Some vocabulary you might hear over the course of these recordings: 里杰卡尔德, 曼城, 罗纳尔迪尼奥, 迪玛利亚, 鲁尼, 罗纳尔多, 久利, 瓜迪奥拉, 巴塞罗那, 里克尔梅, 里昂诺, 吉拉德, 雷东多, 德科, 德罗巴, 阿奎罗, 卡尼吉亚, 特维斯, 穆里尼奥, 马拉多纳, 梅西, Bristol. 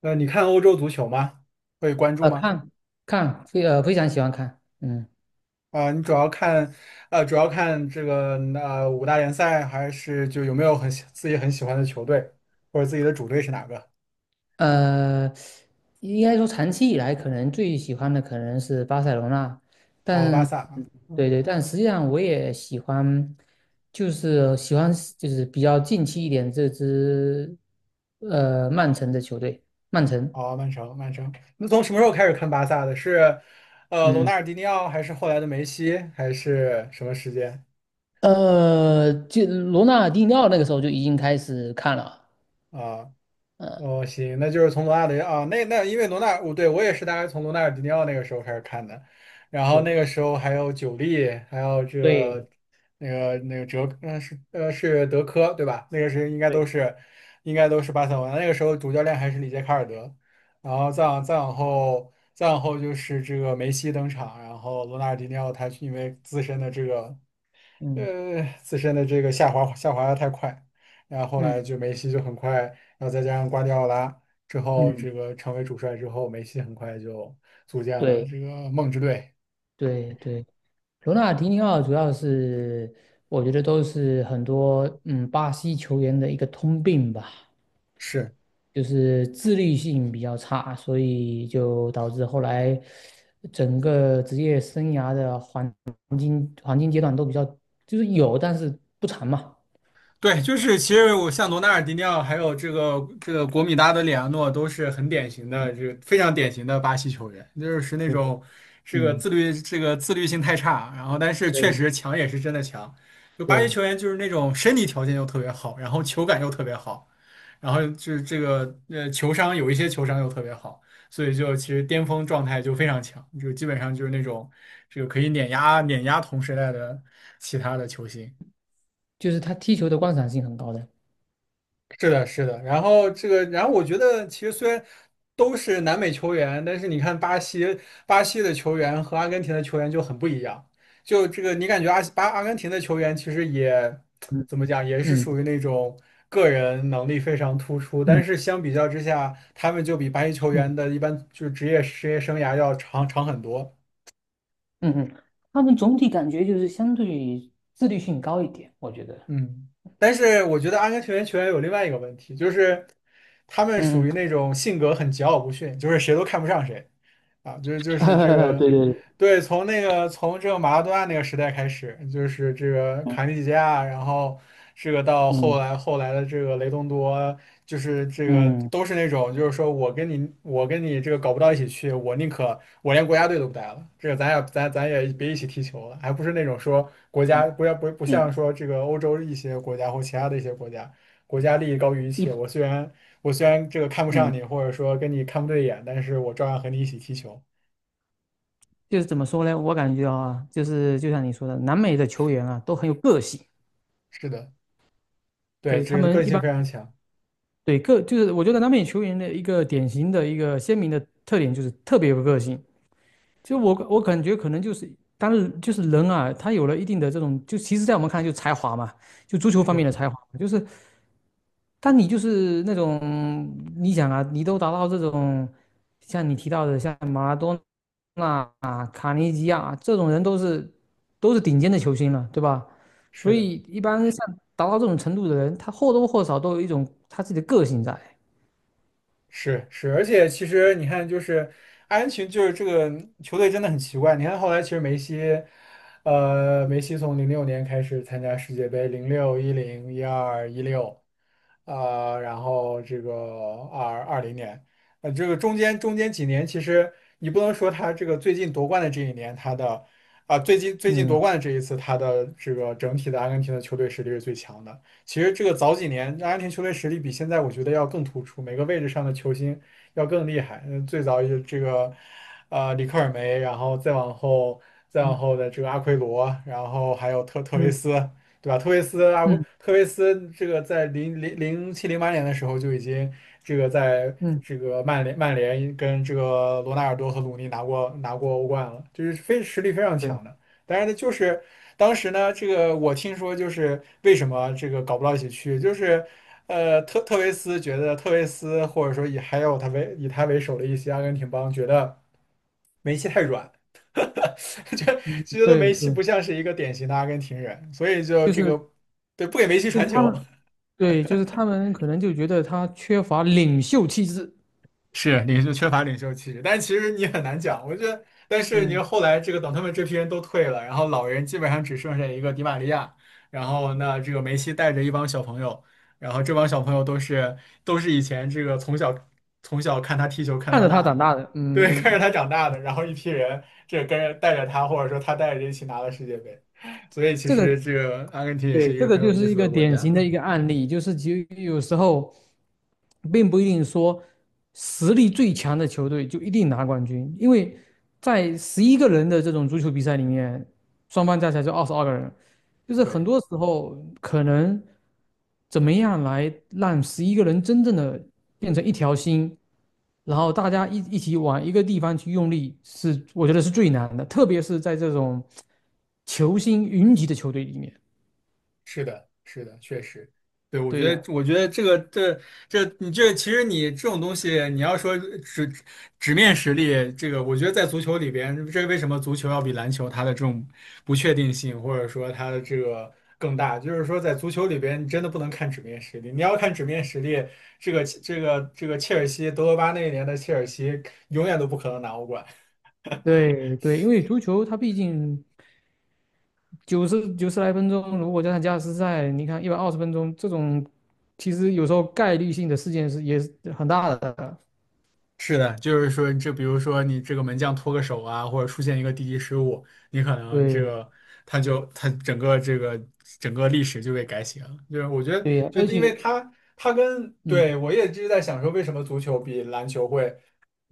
你看欧洲足球吗？会关注吗？看看非常喜欢看你主要看，主要看这个五大联赛，还是就有没有很喜自己很喜欢的球队，或者自己的主队是哪个？呃，应该说长期以来可能最喜欢的可能是巴塞罗那，哦，巴但萨啊。对对，但实际上我也喜欢，就是喜欢，就是比较近期一点这支曼城的球队，曼城。哦，曼城，曼城。那从什么时候开始看巴萨的？是，罗纳嗯尔迪尼奥，还是后来的梅西，还是什么时间？就罗纳尔迪尼奥那个时候就已经开始看了。啊、呃，哦，行，那就是从罗纳德啊，那因为我也是大概从罗纳尔迪尼奥那个时候开始看的。然后那对，个时候还有久利，还有这对，个那个哲，是德科对吧？那个是应该都对，是应该都是巴塞罗那那个时候主教练还是里杰卡尔德，然后再往后就是这个梅西登场，然后罗纳尔迪尼奥他因为自身的这个嗯呃，自身的这个下滑的太快，然后后来嗯就梅西就很快，然后再加上瓜迪奥拉之后，嗯，这个成为主帅之后，梅西很快就组建了对这个梦之队。对对，嗯嗯嗯，对对对。罗纳尔迪尼奥主要是，我觉得都是很多巴西球员的一个通病吧，是。就是自律性比较差，所以就导致后来整个职业生涯的黄金阶段都比较，就是有，但是不长嘛。对，就是其实我像罗纳尔迪尼奥，还有这个国米搭的里昂诺，都是很典型的，这个非常典型的巴西球员，就是那嗯种这个嗯，自律这个自律性太差，然后但是确对实强也是真的强。就巴西对，球员就是那种身体条件又特别好，然后球感又特别好，然后就是这个呃球商有一些球商又特别好，所以就其实巅峰状态就非常强，就基本上就是那种这个可以碾压碾压同时代的其他的球星。就是他踢球的观赏性很高的。是的，是的。然后这个，然后我觉得其实虽然都是南美球员，但是你看巴西的球员和阿根廷的球员就很不一样。就这个，你感觉阿根廷的球员其实也嗯怎么讲，也是属嗯于那种个人能力非常突出，但嗯是相比较之下，他们就比巴西球嗯员的一般就是职业生涯要长很多。嗯嗯。他们总体感觉就是相对于自律性高一点，我觉得。嗯，但是我觉得阿根廷球员有另外一个问题，就是他们属嗯。于那种性格很桀骜不驯，就是谁都看不上谁啊，就是这 个。对对。对，从从这个马拉多纳那个时代开始，就是这个卡尼 吉亚，然后这个到后嗯来后来的这个雷东多，就是这个嗯嗯都是那种，就是说我跟你这个搞不到一起去，我宁可我连国家队都不带了，这个咱也别一起踢球了，还不是那种说国嗯家国家不不像嗯。说这个欧洲一些国家或其他的一些国家，国家利益高于一一切，我虽然这个看不上嗯，你，或者说跟你看不对眼，但是我照样和你一起踢球。就是怎么说呢？我感觉啊，就是就像你说的，南美的球员啊都很有个性。是的。对，对，他这个们个一性般。非常强，对就是我觉得南美球员的一个典型的一个鲜明的特点就是特别有个性。就我感觉可能就是，当然就是人啊，他有了一定的这种，就其实在我们看来就是才华嘛，就足球方面是的才华，就是但你就是那种，你想啊，你都达到这种，像你提到的，像马拉多纳啊、卡尼吉亚啊这种人都是顶尖的球星了，对吧？所是的，以一般像达到这种程度的人，他或多或少都有一种他自己的个性在。是是，而且其实你看，就是阿根廷，就是这个球队真的很奇怪。你看后来，其实梅西，呃，梅西从2006年开始参加世界杯，零六、一零、一二、一六，然后这个二零年，这个中间几年，其实你不能说他这个最近夺冠的这一年，他的最近夺嗯冠的这一次，他的这个整体的阿根廷的球队实力是最强的。其实这个早几年阿根廷球队实力比现在我觉得要更突出，每个位置上的球星要更厉害。嗯，最早也这个，里克尔梅，然后再往嗯后的这个阿奎罗，然后还有特维嗯斯，对吧？嗯特维斯这个在零七零八年的时候就已经这个在嗯，这个曼联跟这个罗纳尔多和鲁尼拿过欧冠了，就是非实力非常强对的。但是呢，就是当时呢，这个我听说就是为什么这个搞不到一起去，就是特维斯觉得特维斯或者说以他为首的一些阿根廷帮觉得。梅西太软，觉得对梅西对，不像是一个典型的阿根廷人，所以就就这是个对不给梅西就是传他球。们，对，就是他们可能就觉得他缺乏领袖气质。是领袖缺乏领袖气质，但其实你很难讲。我觉得，但是你嗯，后来这个等他们这批人都退了，然后老人基本上只剩下一个迪玛利亚，然后这个梅西带着一帮小朋友，然后这帮小朋友都是以前这个从小看他踢球看看到着他大长的。大的。对，嗯看着嗯。他长大的，然后一批人跟着带着他，或者说他带着一起拿了世界杯，所以其这个。实这个阿根廷也对，是一这个个很有就意是一思个的国典家。型的一个案例，就是其实有时候并不一定说实力最强的球队就一定拿冠军，因为在十一个人的这种足球比赛里面，双方加起来就22个人，就 是很对。多时候可能怎么样来让十一个人真正的变成一条心，然后大家一起往一个地方去用力，是我觉得是最难的，特别是在这种球星云集的球队里面。是的，是的，确实。对，我对觉呀。得，我觉得这个，这这，你这其实你这种东西，你要说纸面实力，这个我觉得在足球里边，为什么足球要比篮球它的这种不确定性，或者说它的这个更大，就是说在足球里边，你真的不能看纸面实力，你要看纸面实力，这个切尔西，德罗巴那一年的切尔西永远都不可能拿欧冠。对对，因为足球它毕竟九十来分钟，如果加上加时赛，你看120分钟这种，其实有时候概率性的事件是也是很大的。是的，就是说，比如说你这个门将脱个手啊，或者出现一个低级失误，你可能这对呀，个他整个历史就被改写了。就是我觉得，对呀，就而是因且为他他跟对嗯，我也一直在想说，为什么足球比篮球会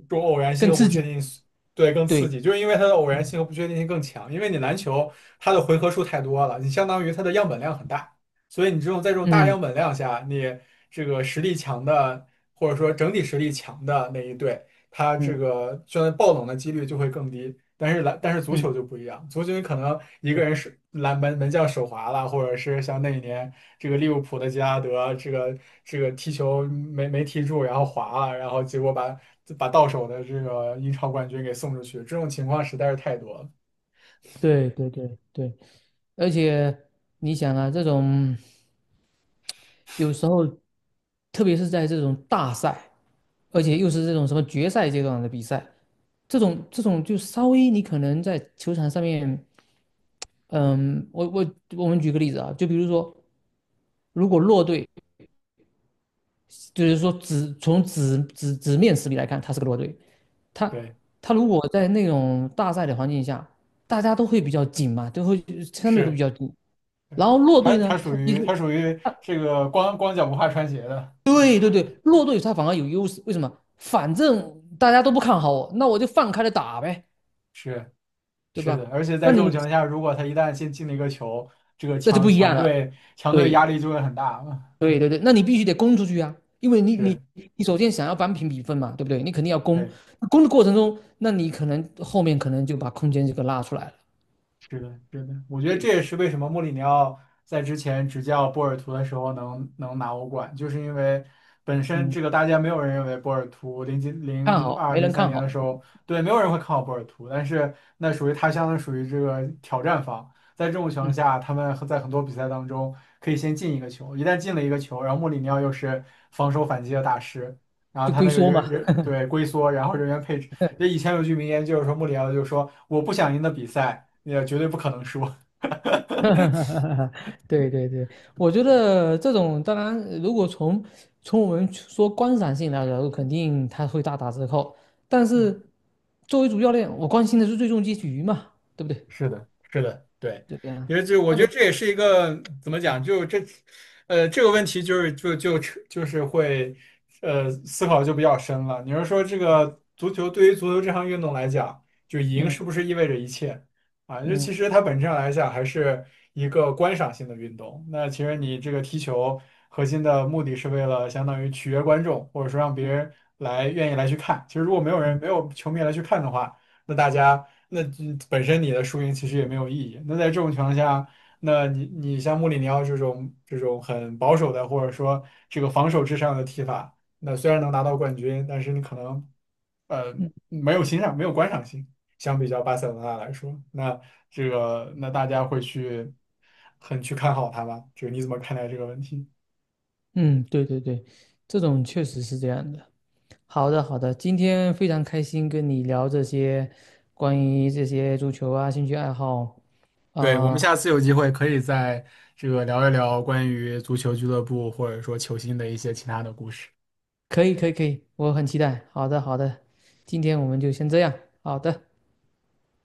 多偶然性更和不刺确激。定性。对，更刺对。激，就是因为它的偶然嗯性和不确定性更强。因为你篮球它的回合数太多了，你相当于它的样本量很大。所以你在这种大量嗯本量下，你这个实力强的，或者说整体实力强的那一队，他这嗯个虽然爆冷的几率就会更低，但是足嗯。球就不一样，足球你可能一个人是门将手滑了，或者是像那一年这个利物浦的吉拉德，这个踢球没踢住，然后滑了，然后结果把到手的这个英超冠军给送出去，这种情况实在是太多了。对对对对，而且你想啊，这种有时候，特别是在这种大赛，而且又是这种什么决赛阶段的比赛，这种就稍微你可能在球场上面嗯，我们举个例子啊，就比如说，如果弱队，就是说只从纸面实力来看，他是个弱队，他对，他如果在那种大赛的环境下，大家都会比较紧嘛，就会相对会比是。较紧。然后弱队呢，他其它实。属于他这个光脚不怕穿鞋的。对对对，弱队他反而有优势，为什么？反正大家都不看好我，那我就放开了打呗，是对是的，吧？而且在那这种你情况下，如果他一旦先进了一个球，这个那就强不一强样了。队强队压对，力就会很大。嗯对对对，那你必须得攻出去啊，因为你你是。你首先想要扳平比分嘛，对不对？你肯定要攻，对。那攻的过程中，那你可能后面可能就把空间就给拉出来了。是的，是的，我觉得这对，也是为什么穆里尼奥在之前执教波尔图的时候能拿欧冠，就是因为本身嗯，这个大家没有人认为波尔图看零好二没零人三看年的好。时候，对，没有人会看好波尔图，但是那属于他相当属于这个挑战方，在这种情况嗯，下，他们在很多比赛当中可以先进一个球，一旦进了一个球，然后穆里尼奥又是防守反击的大师，然后就他龟那个缩人嘛。人对龟缩，然后人员配置。那以前有句名言就是说穆里奥就说我不想赢的比赛，也绝对不可能输。对对对，我觉得这种当然，如果从我们说观赏性来讲，肯定它会大打折扣。但是 作为主教练，我关心的是最终结局嘛，对不对？是的，是的。对，对呀、啊。因为就我那觉得个这也是一个怎么嗯讲，就这，这个问题就是会，思考就比较深了。你是说这个足球对于足球这项运动来讲，就赢嗯是不是意味着一切啊？就其嗯实它本质上来讲还是一个观赏性的运动。那其实你这个踢球核心的目的是为了相当于取悦观众，或者说让别嗯人愿意来去看。其实如果嗯。没有球迷来去看的话，那大家那嗯本身你的输赢其实也没有意义。那在这种情况下，那你像穆里尼奥这种很保守的，或者说这个防守至上的踢法，那虽然能拿到冠军，但是你可能呃嗯没有欣赏，没有观赏性。相比较巴塞罗那来说，那这个那大家会去去看好他吧？你怎么看待这个问题？嗯，对对对，这种确实是这样的。好的，好的，今天非常开心跟你聊这些关于这些足球啊兴趣爱好对，我啊。们下次有机会可以这个聊一聊关于足球俱乐部或者说球星的一些其他的故事。可以可以可以，我很期待。好的好的，今天我们就先这样。好的。